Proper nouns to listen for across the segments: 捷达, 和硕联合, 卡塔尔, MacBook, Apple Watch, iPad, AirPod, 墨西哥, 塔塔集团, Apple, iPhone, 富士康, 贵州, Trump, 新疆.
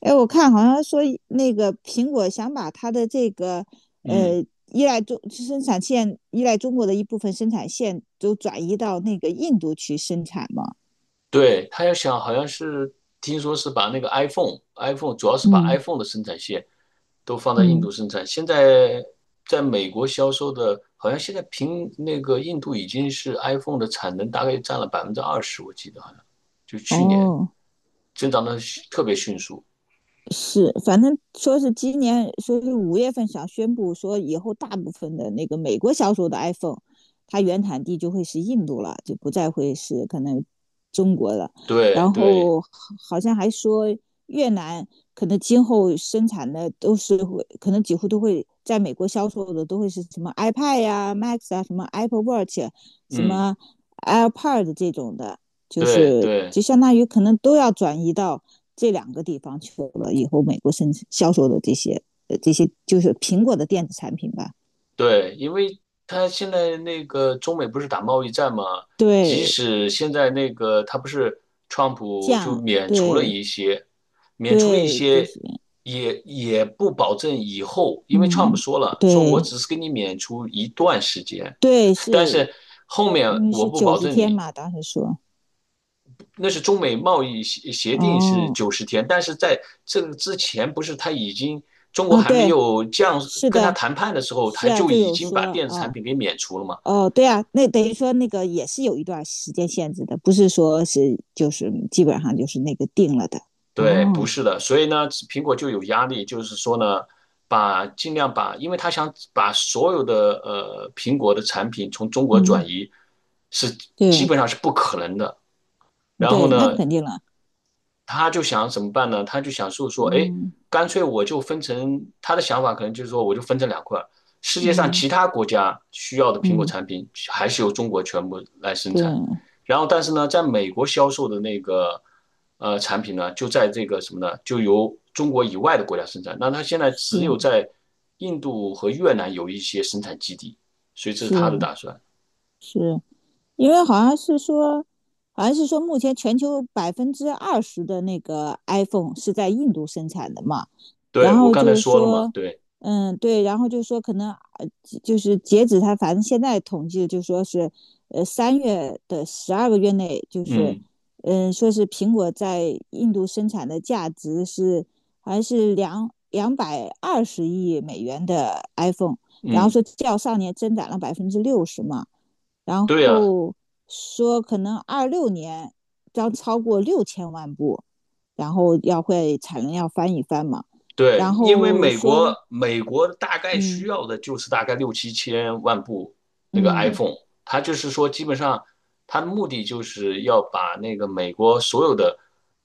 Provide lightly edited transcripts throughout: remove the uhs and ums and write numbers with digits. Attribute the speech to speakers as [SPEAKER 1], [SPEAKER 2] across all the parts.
[SPEAKER 1] 哎，我看好像说那个苹果想把它的这个
[SPEAKER 2] 嗯，
[SPEAKER 1] 依赖中国的一部分生产线都转移到那个印度去生产嘛。
[SPEAKER 2] 对，他要想，好像是听说是把那个 iPhone 主要是把
[SPEAKER 1] 嗯
[SPEAKER 2] iPhone 的生产线都放在印
[SPEAKER 1] 嗯，
[SPEAKER 2] 度生产。现在在美国销售的，好像现在平那个印度已经是 iPhone 的产能大概占了20%，我记得好像就去年
[SPEAKER 1] 哦，
[SPEAKER 2] 增长的特别迅速。
[SPEAKER 1] 是，反正说是今年说是5月份想宣布说以后大部分的那个美国销售的 iPhone，它原产地就会是印度了，就不再会是可能中国了。
[SPEAKER 2] 对
[SPEAKER 1] 然
[SPEAKER 2] 对，
[SPEAKER 1] 后好像还说越南可能今后生产的都是会，可能几乎都会在美国销售的都会是什么 iPad 呀、Max 啊、什么 Apple Watch、什
[SPEAKER 2] 嗯，
[SPEAKER 1] 么 AirPod 这种的，就
[SPEAKER 2] 对
[SPEAKER 1] 是
[SPEAKER 2] 对。
[SPEAKER 1] 就相当于可能都要转移到。这两个地方去了以后，美国生产销售的这些这些就是苹果的电子产品吧，
[SPEAKER 2] 对，因为他现在那个中美不是打贸易战嘛，即
[SPEAKER 1] 对
[SPEAKER 2] 使现在那个他不是川普就
[SPEAKER 1] 酱，
[SPEAKER 2] 免除了
[SPEAKER 1] 对
[SPEAKER 2] 一些，免除了一
[SPEAKER 1] 对这
[SPEAKER 2] 些，
[SPEAKER 1] 些，
[SPEAKER 2] 也不保证以后，因为川普
[SPEAKER 1] 嗯，
[SPEAKER 2] 说了，说我
[SPEAKER 1] 对
[SPEAKER 2] 只是给你免除一段时间，
[SPEAKER 1] 对
[SPEAKER 2] 但
[SPEAKER 1] 是
[SPEAKER 2] 是后面
[SPEAKER 1] 因为
[SPEAKER 2] 我
[SPEAKER 1] 是
[SPEAKER 2] 不
[SPEAKER 1] 九
[SPEAKER 2] 保
[SPEAKER 1] 十
[SPEAKER 2] 证
[SPEAKER 1] 天
[SPEAKER 2] 你。
[SPEAKER 1] 嘛，当时说
[SPEAKER 2] 那是中美贸易协定是
[SPEAKER 1] 哦
[SPEAKER 2] 90天，但是在这个之前，不是他已经中国
[SPEAKER 1] 啊
[SPEAKER 2] 还没
[SPEAKER 1] 对
[SPEAKER 2] 有降
[SPEAKER 1] 是
[SPEAKER 2] 跟他
[SPEAKER 1] 的
[SPEAKER 2] 谈判的时候，
[SPEAKER 1] 是
[SPEAKER 2] 他
[SPEAKER 1] 啊
[SPEAKER 2] 就
[SPEAKER 1] 就
[SPEAKER 2] 已
[SPEAKER 1] 有
[SPEAKER 2] 经把
[SPEAKER 1] 说
[SPEAKER 2] 电子产
[SPEAKER 1] 哦
[SPEAKER 2] 品给免除了吗？
[SPEAKER 1] 哦对啊，那等于说那个也是有一段时间限制的，不是说是就是基本上就是那个定了的
[SPEAKER 2] 对，不
[SPEAKER 1] 哦，
[SPEAKER 2] 是的，所以呢，苹果就有压力，就是说呢，尽量把，因为他想把所有的苹果的产品从中国转
[SPEAKER 1] 嗯
[SPEAKER 2] 移，是基
[SPEAKER 1] 对
[SPEAKER 2] 本上是不可能的。然后
[SPEAKER 1] 对那
[SPEAKER 2] 呢，
[SPEAKER 1] 肯定了，
[SPEAKER 2] 他就想怎么办呢？他就想说，哎，
[SPEAKER 1] 嗯。
[SPEAKER 2] 干脆我就分成他的想法，可能就是说我就分成两块，世界上
[SPEAKER 1] 嗯
[SPEAKER 2] 其他国家需要的苹果
[SPEAKER 1] 嗯，
[SPEAKER 2] 产品还是由中国全部来生产，
[SPEAKER 1] 对，
[SPEAKER 2] 然后但是呢，在美国销售的那个产品呢，就在这个什么呢，就由中国以外的国家生产。那他现在只有
[SPEAKER 1] 是
[SPEAKER 2] 在印度和越南有一些生产基地，所以这是他的
[SPEAKER 1] 是
[SPEAKER 2] 打算。
[SPEAKER 1] 是，因为好像是说，好像是说，目前全球20%的那个 iPhone 是在印度生产的嘛。然
[SPEAKER 2] 对，我
[SPEAKER 1] 后
[SPEAKER 2] 刚才
[SPEAKER 1] 就
[SPEAKER 2] 说了嘛，
[SPEAKER 1] 说，
[SPEAKER 2] 对，
[SPEAKER 1] 嗯，对，然后就说可能呃就是截止他，反正现在统计就说是，3月的12个月内，就是，
[SPEAKER 2] 嗯
[SPEAKER 1] 嗯，说是苹果在印度生产的价值是好像是两百二十亿美元的 iPhone，然后
[SPEAKER 2] 嗯，
[SPEAKER 1] 说较上年增长了60%嘛，然
[SPEAKER 2] 对呀，
[SPEAKER 1] 后说可能26年将超过6000万部。然后要会产能要翻一翻嘛。然
[SPEAKER 2] 对，因为
[SPEAKER 1] 后
[SPEAKER 2] 美国
[SPEAKER 1] 说，
[SPEAKER 2] 美国大概
[SPEAKER 1] 嗯
[SPEAKER 2] 需要的就是大概六七千万部那个
[SPEAKER 1] 嗯
[SPEAKER 2] iPhone,它就是说基本上它的目的就是要把那个美国所有的，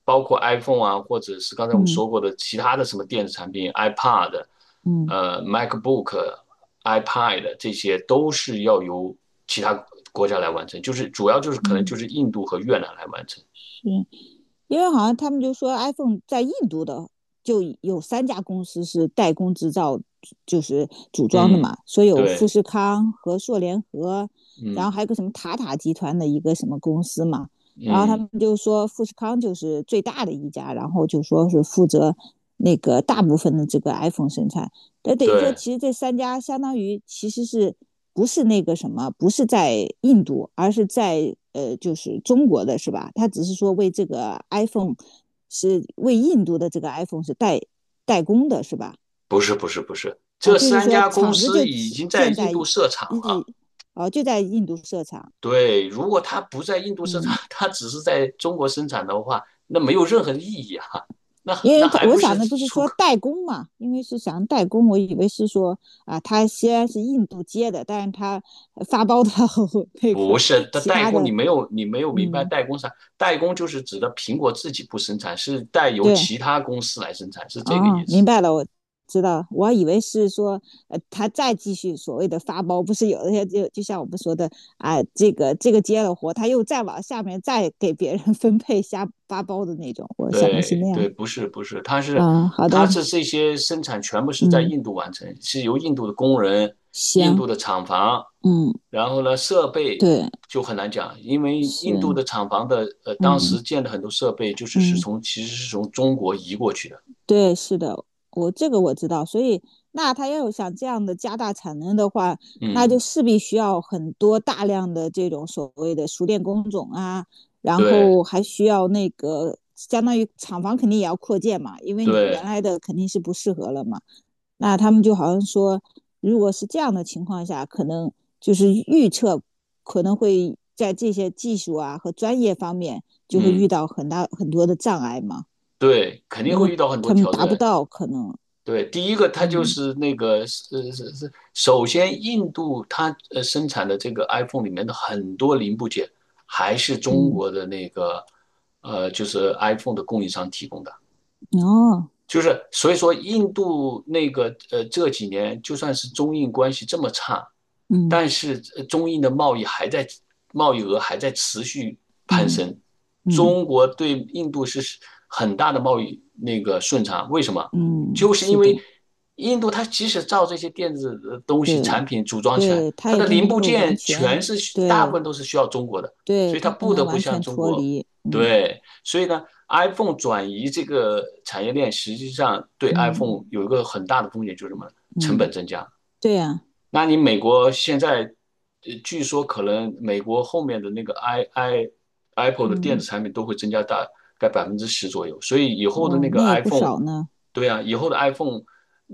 [SPEAKER 2] 包括 iPhone 啊，或者是刚才我们
[SPEAKER 1] 嗯
[SPEAKER 2] 说过的其他的什么电子产品，iPad、
[SPEAKER 1] 嗯
[SPEAKER 2] MacBook、iPad 这些都是要由其他国家来完成，就是主要就是可能就
[SPEAKER 1] 嗯，
[SPEAKER 2] 是印度和越南来完成。
[SPEAKER 1] 是因为好像他们就说 iPhone 在印度的就有三家公司是代工制造，就是组装的
[SPEAKER 2] 嗯，
[SPEAKER 1] 嘛，说有富
[SPEAKER 2] 对，
[SPEAKER 1] 士康、和硕联合，然后
[SPEAKER 2] 嗯
[SPEAKER 1] 还有个什么塔塔集团的一个什么公司嘛。然后他
[SPEAKER 2] 嗯
[SPEAKER 1] 们就说富士康就是最大的一家，然后就说是负责那个大部分的这个 iPhone 生产。那等于说，
[SPEAKER 2] 对。
[SPEAKER 1] 其实这三家相当于其实是不是那个什么，不是在印度，而是在就是中国的是吧？他只是说为这个 iPhone 是为印度的这个 iPhone 是代工的是吧？
[SPEAKER 2] 不是不是不是，
[SPEAKER 1] 啊，
[SPEAKER 2] 这
[SPEAKER 1] 就是
[SPEAKER 2] 三
[SPEAKER 1] 说
[SPEAKER 2] 家公
[SPEAKER 1] 厂子就
[SPEAKER 2] 司已经在
[SPEAKER 1] 建
[SPEAKER 2] 印
[SPEAKER 1] 在
[SPEAKER 2] 度设厂
[SPEAKER 1] 日，
[SPEAKER 2] 了。
[SPEAKER 1] 啊，就在印度设厂，
[SPEAKER 2] 对，如果它不在印度设厂，
[SPEAKER 1] 嗯。
[SPEAKER 2] 它只是在中国生产的话，那没有任何意义啊。那
[SPEAKER 1] 因为
[SPEAKER 2] 那
[SPEAKER 1] 他
[SPEAKER 2] 还
[SPEAKER 1] 我
[SPEAKER 2] 不
[SPEAKER 1] 想
[SPEAKER 2] 是
[SPEAKER 1] 的不是
[SPEAKER 2] 出
[SPEAKER 1] 说
[SPEAKER 2] 口？
[SPEAKER 1] 代工嘛，因为是想代工，我以为是说啊，他虽然是印度接的，但是他发包到 那
[SPEAKER 2] 不
[SPEAKER 1] 个
[SPEAKER 2] 是，它
[SPEAKER 1] 其
[SPEAKER 2] 代
[SPEAKER 1] 他
[SPEAKER 2] 工
[SPEAKER 1] 的
[SPEAKER 2] 你没有明白
[SPEAKER 1] 嗯，
[SPEAKER 2] 代工啥？代工就是指的苹果自己不生产，是代由
[SPEAKER 1] 对，
[SPEAKER 2] 其他公司来生产，是这个
[SPEAKER 1] 哦，
[SPEAKER 2] 意
[SPEAKER 1] 明
[SPEAKER 2] 思。
[SPEAKER 1] 白了，我知道，我还以为是说，他再继续所谓的发包，不是有一些就像我们说的啊，这个接了活，他又再往下面再给别人 分配下发包的那种，我想的是
[SPEAKER 2] 对
[SPEAKER 1] 那样。
[SPEAKER 2] 对，不是不是，它是
[SPEAKER 1] 嗯，好的，
[SPEAKER 2] 它是这些生产全部是在
[SPEAKER 1] 嗯，
[SPEAKER 2] 印度完成，是由印度的工人、印
[SPEAKER 1] 行，
[SPEAKER 2] 度的厂房，
[SPEAKER 1] 嗯，
[SPEAKER 2] 然后呢设备
[SPEAKER 1] 对，
[SPEAKER 2] 就很难讲，因为
[SPEAKER 1] 是，
[SPEAKER 2] 印度的厂房的当
[SPEAKER 1] 嗯
[SPEAKER 2] 时建的很多设备就是是
[SPEAKER 1] 嗯。
[SPEAKER 2] 从其实是从中国移过去的，
[SPEAKER 1] 对，是的，我这个我知道，所以那他要有想这样的加大产能的话，那就
[SPEAKER 2] 嗯，
[SPEAKER 1] 势必需要很多大量的这种所谓的熟练工种啊，然
[SPEAKER 2] 对
[SPEAKER 1] 后还需要那个相当于厂房肯定也要扩建嘛，因为你原
[SPEAKER 2] 对，
[SPEAKER 1] 来的肯定是不适合了嘛。那他们就好像说，如果是这样的情况下，可能就是预测可能会在这些技术啊和专业方面就会遇
[SPEAKER 2] 嗯
[SPEAKER 1] 到很大很多的障碍嘛。
[SPEAKER 2] 对，肯定
[SPEAKER 1] 因
[SPEAKER 2] 会
[SPEAKER 1] 为
[SPEAKER 2] 遇到很多
[SPEAKER 1] 他们
[SPEAKER 2] 挑
[SPEAKER 1] 达不
[SPEAKER 2] 战，
[SPEAKER 1] 到可能，
[SPEAKER 2] 对，第一个它就
[SPEAKER 1] 嗯
[SPEAKER 2] 是那个是是是，首先印度它生产的这个 iPhone 里面的很多零部件还是中
[SPEAKER 1] 嗯，
[SPEAKER 2] 国的那个就是 iPhone 的供应商提供的，
[SPEAKER 1] 哦，
[SPEAKER 2] 就是所以说，印度那个这几年就算是中印关系这么差，
[SPEAKER 1] 嗯
[SPEAKER 2] 但是中印的贸易额还在持续攀
[SPEAKER 1] 嗯
[SPEAKER 2] 升。
[SPEAKER 1] 嗯
[SPEAKER 2] 中国对印度是很大的贸易那个顺差，为什么？
[SPEAKER 1] 嗯，
[SPEAKER 2] 就是因
[SPEAKER 1] 是的，
[SPEAKER 2] 为印度它即使造这些电子的东西
[SPEAKER 1] 对
[SPEAKER 2] 产品组装起来，
[SPEAKER 1] 对，他
[SPEAKER 2] 它
[SPEAKER 1] 也
[SPEAKER 2] 的
[SPEAKER 1] 不
[SPEAKER 2] 零
[SPEAKER 1] 能
[SPEAKER 2] 部
[SPEAKER 1] 够完
[SPEAKER 2] 件
[SPEAKER 1] 全，
[SPEAKER 2] 大部
[SPEAKER 1] 对
[SPEAKER 2] 分都是需要中国的，
[SPEAKER 1] 对，
[SPEAKER 2] 所以它
[SPEAKER 1] 他不
[SPEAKER 2] 不
[SPEAKER 1] 能
[SPEAKER 2] 得不
[SPEAKER 1] 完
[SPEAKER 2] 向
[SPEAKER 1] 全
[SPEAKER 2] 中
[SPEAKER 1] 脱
[SPEAKER 2] 国
[SPEAKER 1] 离，嗯
[SPEAKER 2] 对。所以呢，iPhone 转移这个产业链，实际上对 iPhone
[SPEAKER 1] 嗯
[SPEAKER 2] 有一个很大的风险，就是什么？成
[SPEAKER 1] 嗯，
[SPEAKER 2] 本增加。
[SPEAKER 1] 对呀、
[SPEAKER 2] 那你美国现在，据说可能美国后面的那个 Apple 的电子
[SPEAKER 1] 嗯，
[SPEAKER 2] 产品都会增加大概10%左右，所以以后的
[SPEAKER 1] 哇，
[SPEAKER 2] 那个
[SPEAKER 1] 那也不
[SPEAKER 2] iPhone,
[SPEAKER 1] 少呢，
[SPEAKER 2] 对啊，以后的 iPhone,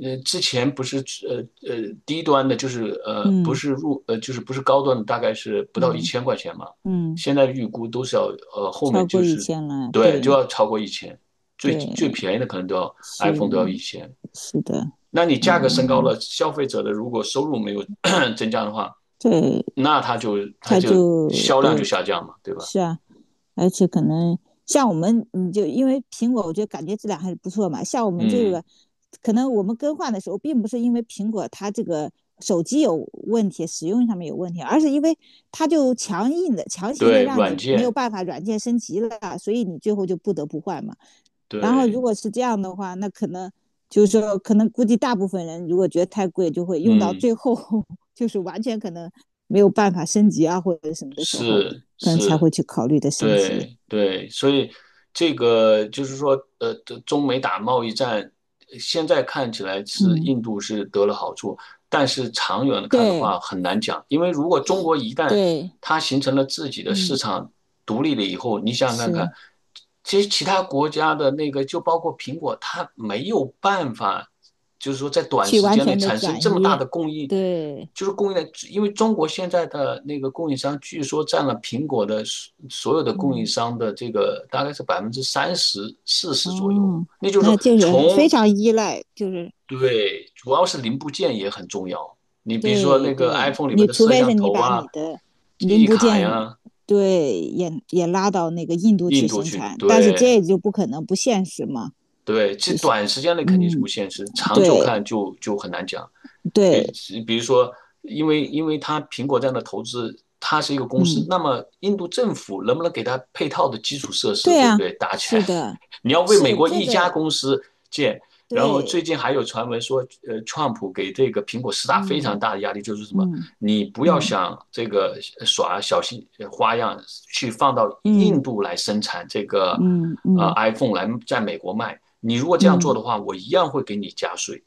[SPEAKER 2] 之前不是呃呃低端的，就是不
[SPEAKER 1] 嗯
[SPEAKER 2] 是就是不是高端的，大概是不到一
[SPEAKER 1] 嗯
[SPEAKER 2] 千块钱嘛，
[SPEAKER 1] 嗯，
[SPEAKER 2] 现在预估都是要后
[SPEAKER 1] 超
[SPEAKER 2] 面
[SPEAKER 1] 过
[SPEAKER 2] 就
[SPEAKER 1] 一
[SPEAKER 2] 是
[SPEAKER 1] 千了，
[SPEAKER 2] 对就
[SPEAKER 1] 对
[SPEAKER 2] 要超过一千，最
[SPEAKER 1] 对，
[SPEAKER 2] 最便宜的可能都要
[SPEAKER 1] 是
[SPEAKER 2] iPhone 都要1000，
[SPEAKER 1] 是的，
[SPEAKER 2] 那你价格升高
[SPEAKER 1] 嗯，
[SPEAKER 2] 了，消费者的如果收入没有 增加的话，
[SPEAKER 1] 对，
[SPEAKER 2] 那它就它
[SPEAKER 1] 他
[SPEAKER 2] 就
[SPEAKER 1] 就
[SPEAKER 2] 销量就
[SPEAKER 1] 对，
[SPEAKER 2] 下降嘛，对吧？
[SPEAKER 1] 是啊，而且可能像我们，你就因为苹果，我觉得感觉质量还是不错嘛。像我们这
[SPEAKER 2] 嗯，
[SPEAKER 1] 个，可能我们更换的时候，并不是因为苹果它这个手机有问题，使用上面有问题，而是因为它就强硬的、强行的
[SPEAKER 2] 对，
[SPEAKER 1] 让
[SPEAKER 2] 软
[SPEAKER 1] 你没有
[SPEAKER 2] 件，
[SPEAKER 1] 办法软件升级了，所以你最后就不得不换嘛。然后如
[SPEAKER 2] 对，
[SPEAKER 1] 果是这样的话，那可能就是说，可能估计大部分人如果觉得太贵，就会用到
[SPEAKER 2] 嗯，
[SPEAKER 1] 最后，就是完全可能没有办法升级啊，或者什么的时候，
[SPEAKER 2] 是
[SPEAKER 1] 可能才
[SPEAKER 2] 是。
[SPEAKER 1] 会去考虑的升级。
[SPEAKER 2] 对对，所以这个就是说，中美打贸易战，现在看起来是
[SPEAKER 1] 嗯，
[SPEAKER 2] 印度是得了好处，但是长远看的
[SPEAKER 1] 对
[SPEAKER 2] 话很难讲，因为如果中国一旦
[SPEAKER 1] 对，
[SPEAKER 2] 它形成了自己的市
[SPEAKER 1] 嗯，
[SPEAKER 2] 场独立了以后，你想想看
[SPEAKER 1] 是
[SPEAKER 2] 看，其实其他国家的那个就包括苹果，它没有办法。就是说在短
[SPEAKER 1] 去
[SPEAKER 2] 时
[SPEAKER 1] 完
[SPEAKER 2] 间内
[SPEAKER 1] 全的
[SPEAKER 2] 产生这
[SPEAKER 1] 转
[SPEAKER 2] 么大
[SPEAKER 1] 移，
[SPEAKER 2] 的供应，
[SPEAKER 1] 对，
[SPEAKER 2] 就是供应链，因为中国现在的那个供应商据说占了苹果的所有的供应
[SPEAKER 1] 嗯，
[SPEAKER 2] 商的这个大概是30%、40%左右，
[SPEAKER 1] 哦，
[SPEAKER 2] 那就是
[SPEAKER 1] 那
[SPEAKER 2] 说
[SPEAKER 1] 就是非
[SPEAKER 2] 从
[SPEAKER 1] 常依赖，就是
[SPEAKER 2] 对，主要是零部件也很重要。你比如说
[SPEAKER 1] 对
[SPEAKER 2] 那个
[SPEAKER 1] 对，
[SPEAKER 2] iPhone 里面
[SPEAKER 1] 你
[SPEAKER 2] 的
[SPEAKER 1] 除
[SPEAKER 2] 摄
[SPEAKER 1] 非是
[SPEAKER 2] 像
[SPEAKER 1] 你
[SPEAKER 2] 头
[SPEAKER 1] 把
[SPEAKER 2] 啊、
[SPEAKER 1] 你的
[SPEAKER 2] 记
[SPEAKER 1] 零
[SPEAKER 2] 忆
[SPEAKER 1] 部
[SPEAKER 2] 卡
[SPEAKER 1] 件，
[SPEAKER 2] 呀，
[SPEAKER 1] 对，也拉到那个印度去
[SPEAKER 2] 印度
[SPEAKER 1] 生
[SPEAKER 2] 去，
[SPEAKER 1] 产，但是
[SPEAKER 2] 对
[SPEAKER 1] 这就不可能不现实嘛，
[SPEAKER 2] 对，这
[SPEAKER 1] 就是
[SPEAKER 2] 短时间内肯定是不
[SPEAKER 1] 嗯，
[SPEAKER 2] 现实，长久
[SPEAKER 1] 对
[SPEAKER 2] 看就很难讲。
[SPEAKER 1] 对，
[SPEAKER 2] 比比如说，因为它苹果这样的投资，它是一个公司，
[SPEAKER 1] 嗯，
[SPEAKER 2] 那么印度政府能不能给它配套的基础设施，
[SPEAKER 1] 对
[SPEAKER 2] 对不
[SPEAKER 1] 啊，
[SPEAKER 2] 对？搭起来，
[SPEAKER 1] 是的，
[SPEAKER 2] 你要为美
[SPEAKER 1] 是
[SPEAKER 2] 国
[SPEAKER 1] 这
[SPEAKER 2] 一家
[SPEAKER 1] 个，
[SPEAKER 2] 公司建。然后最
[SPEAKER 1] 对，
[SPEAKER 2] 近还有传闻说，川普给这个苹果施加非常
[SPEAKER 1] 嗯
[SPEAKER 2] 大的压力，就是什么，
[SPEAKER 1] 嗯
[SPEAKER 2] 你不要
[SPEAKER 1] 嗯嗯。
[SPEAKER 2] 想这个耍小心花样去放到
[SPEAKER 1] 嗯
[SPEAKER 2] 印度来生产这个，
[SPEAKER 1] 嗯嗯
[SPEAKER 2] iPhone 来在美国卖。你如果这样做
[SPEAKER 1] 嗯
[SPEAKER 2] 的话，我一样会给你加税。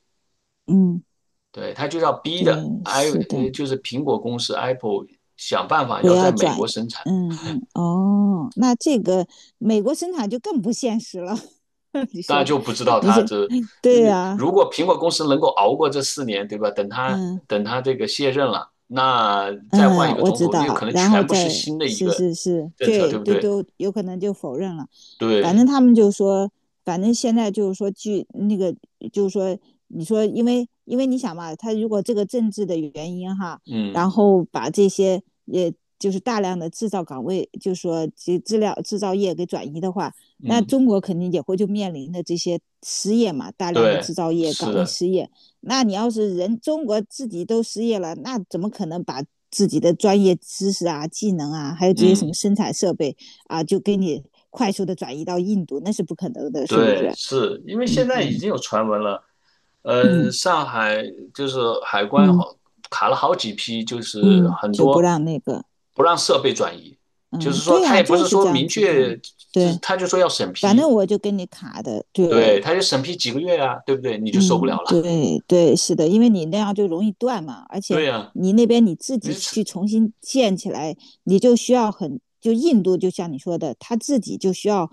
[SPEAKER 1] 嗯，
[SPEAKER 2] 对，他就要逼的
[SPEAKER 1] 对，是的，
[SPEAKER 2] 就是苹果公司 Apple 想办法
[SPEAKER 1] 不
[SPEAKER 2] 要在
[SPEAKER 1] 要
[SPEAKER 2] 美
[SPEAKER 1] 转，
[SPEAKER 2] 国生产，
[SPEAKER 1] 嗯，哦，那这个美国生产就更不现实了。你说，
[SPEAKER 2] 那就不知道
[SPEAKER 1] 你
[SPEAKER 2] 他
[SPEAKER 1] 这，
[SPEAKER 2] 这，呃
[SPEAKER 1] 对呀、
[SPEAKER 2] 如果苹果公司能够熬过这4年，对吧？等他
[SPEAKER 1] 嗯。
[SPEAKER 2] 等他这个卸任了，那再
[SPEAKER 1] 嗯，
[SPEAKER 2] 换一个
[SPEAKER 1] 我
[SPEAKER 2] 总
[SPEAKER 1] 知
[SPEAKER 2] 统，那有
[SPEAKER 1] 道，
[SPEAKER 2] 可能
[SPEAKER 1] 然后
[SPEAKER 2] 全部是
[SPEAKER 1] 再
[SPEAKER 2] 新的一
[SPEAKER 1] 是
[SPEAKER 2] 个
[SPEAKER 1] 是是，
[SPEAKER 2] 政策，
[SPEAKER 1] 这
[SPEAKER 2] 对不
[SPEAKER 1] 这
[SPEAKER 2] 对？
[SPEAKER 1] 都有可能就否认了。反正
[SPEAKER 2] 对，
[SPEAKER 1] 他们就说，反正现在就是说，据那个就是说，你说因为你想嘛，他如果这个政治的原因哈，然
[SPEAKER 2] 嗯
[SPEAKER 1] 后把这些也就是大量的制造岗位，就是说这资料制造业给转移的话，那
[SPEAKER 2] 嗯，
[SPEAKER 1] 中国肯定也会就面临的这些失业嘛，大量的制
[SPEAKER 2] 对，
[SPEAKER 1] 造业
[SPEAKER 2] 是
[SPEAKER 1] 岗位
[SPEAKER 2] 的，
[SPEAKER 1] 失业。那你要是人中国自己都失业了，那怎么可能把自己的专业知识啊、技能啊，还有这些什么
[SPEAKER 2] 嗯，
[SPEAKER 1] 生产设备啊，就给你快速的转移到印度，那是不可能的，是不
[SPEAKER 2] 对，
[SPEAKER 1] 是？
[SPEAKER 2] 是因为现在已
[SPEAKER 1] 嗯
[SPEAKER 2] 经有传闻了。
[SPEAKER 1] 嗯
[SPEAKER 2] 上海就是海关
[SPEAKER 1] 嗯嗯
[SPEAKER 2] 卡了好几批，就是
[SPEAKER 1] 嗯，
[SPEAKER 2] 很
[SPEAKER 1] 就不
[SPEAKER 2] 多
[SPEAKER 1] 让那个，
[SPEAKER 2] 不让设备转移，就
[SPEAKER 1] 嗯，
[SPEAKER 2] 是说
[SPEAKER 1] 对呀、
[SPEAKER 2] 他
[SPEAKER 1] 啊
[SPEAKER 2] 也不
[SPEAKER 1] 就
[SPEAKER 2] 是
[SPEAKER 1] 是
[SPEAKER 2] 说
[SPEAKER 1] 这样
[SPEAKER 2] 明
[SPEAKER 1] 子的，
[SPEAKER 2] 确，这
[SPEAKER 1] 对，
[SPEAKER 2] 他就说要审
[SPEAKER 1] 反正
[SPEAKER 2] 批，
[SPEAKER 1] 我就跟你卡的，对，
[SPEAKER 2] 对，他就审批几个月啊，对不对？你就受不
[SPEAKER 1] 嗯，
[SPEAKER 2] 了了，
[SPEAKER 1] 对对，是的，因为你那样就容易断嘛，而 且
[SPEAKER 2] 对呀、
[SPEAKER 1] 你那边你自
[SPEAKER 2] 你
[SPEAKER 1] 己去
[SPEAKER 2] 是
[SPEAKER 1] 重新建起来，你就需要很，就印度就像你说的，他自己就需要，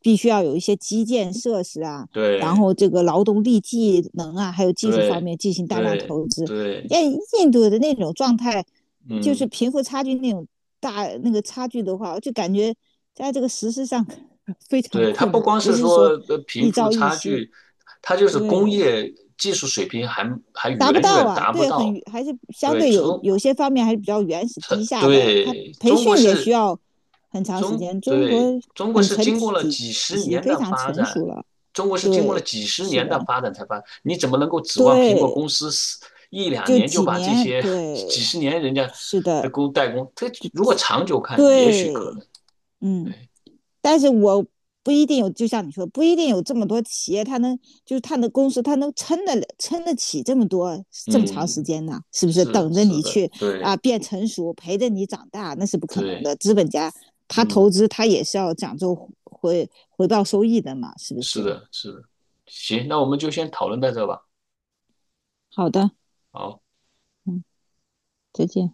[SPEAKER 1] 必须要有一些基建设施啊，然
[SPEAKER 2] 对
[SPEAKER 1] 后这个劳动力技能啊，还有技术方
[SPEAKER 2] 对
[SPEAKER 1] 面进行大量
[SPEAKER 2] 对
[SPEAKER 1] 投资。
[SPEAKER 2] 对，
[SPEAKER 1] 那印度的那种状态，就是
[SPEAKER 2] 嗯，
[SPEAKER 1] 贫富差距那种大那个差距的话，我就感觉在这个实施上 非常
[SPEAKER 2] 对，它
[SPEAKER 1] 困
[SPEAKER 2] 不
[SPEAKER 1] 难，
[SPEAKER 2] 光
[SPEAKER 1] 不
[SPEAKER 2] 是
[SPEAKER 1] 是
[SPEAKER 2] 说
[SPEAKER 1] 说一
[SPEAKER 2] 贫富
[SPEAKER 1] 朝一
[SPEAKER 2] 差
[SPEAKER 1] 夕，
[SPEAKER 2] 距，它就是工
[SPEAKER 1] 对。
[SPEAKER 2] 业技术水平还
[SPEAKER 1] 达不
[SPEAKER 2] 远
[SPEAKER 1] 到
[SPEAKER 2] 远
[SPEAKER 1] 啊，
[SPEAKER 2] 达不
[SPEAKER 1] 对，
[SPEAKER 2] 到。
[SPEAKER 1] 很还是相
[SPEAKER 2] 对
[SPEAKER 1] 对有
[SPEAKER 2] 中
[SPEAKER 1] 有些方面还是比较原始低下的。它
[SPEAKER 2] 对
[SPEAKER 1] 培
[SPEAKER 2] 中国
[SPEAKER 1] 训也需
[SPEAKER 2] 是
[SPEAKER 1] 要很长时
[SPEAKER 2] 中
[SPEAKER 1] 间，中国
[SPEAKER 2] 对中国
[SPEAKER 1] 很
[SPEAKER 2] 是
[SPEAKER 1] 成
[SPEAKER 2] 经过了
[SPEAKER 1] 体
[SPEAKER 2] 几十
[SPEAKER 1] 系
[SPEAKER 2] 年
[SPEAKER 1] 非
[SPEAKER 2] 的
[SPEAKER 1] 常
[SPEAKER 2] 发
[SPEAKER 1] 成
[SPEAKER 2] 展，
[SPEAKER 1] 熟了。
[SPEAKER 2] 中国是经过了
[SPEAKER 1] 对，
[SPEAKER 2] 几十
[SPEAKER 1] 是
[SPEAKER 2] 年的
[SPEAKER 1] 的，
[SPEAKER 2] 发展才发展，你怎么能够指望苹果
[SPEAKER 1] 对，
[SPEAKER 2] 公司一两
[SPEAKER 1] 就
[SPEAKER 2] 年就
[SPEAKER 1] 几
[SPEAKER 2] 把这
[SPEAKER 1] 年，
[SPEAKER 2] 些 几
[SPEAKER 1] 对，
[SPEAKER 2] 十年人家
[SPEAKER 1] 是
[SPEAKER 2] 的
[SPEAKER 1] 的，
[SPEAKER 2] 代工，这如果长久看，也许
[SPEAKER 1] 对，
[SPEAKER 2] 可能。
[SPEAKER 1] 嗯。
[SPEAKER 2] 对，
[SPEAKER 1] 但是我不一定有，就像你说，不一定有这么多企业，它能就是它的公司，它能撑得了撑得起这么多这么长时
[SPEAKER 2] 嗯，
[SPEAKER 1] 间呢？是不是
[SPEAKER 2] 是
[SPEAKER 1] 等着
[SPEAKER 2] 是
[SPEAKER 1] 你
[SPEAKER 2] 的，
[SPEAKER 1] 去
[SPEAKER 2] 对
[SPEAKER 1] 变成熟，陪着你长大，那是不可能
[SPEAKER 2] 对，
[SPEAKER 1] 的。资本家他投
[SPEAKER 2] 嗯，
[SPEAKER 1] 资，他也是要讲究回报收益的嘛，是不
[SPEAKER 2] 是
[SPEAKER 1] 是？
[SPEAKER 2] 的，是的。行，那我们就先讨论到这吧。
[SPEAKER 1] 好的，
[SPEAKER 2] 好。
[SPEAKER 1] 嗯，再见。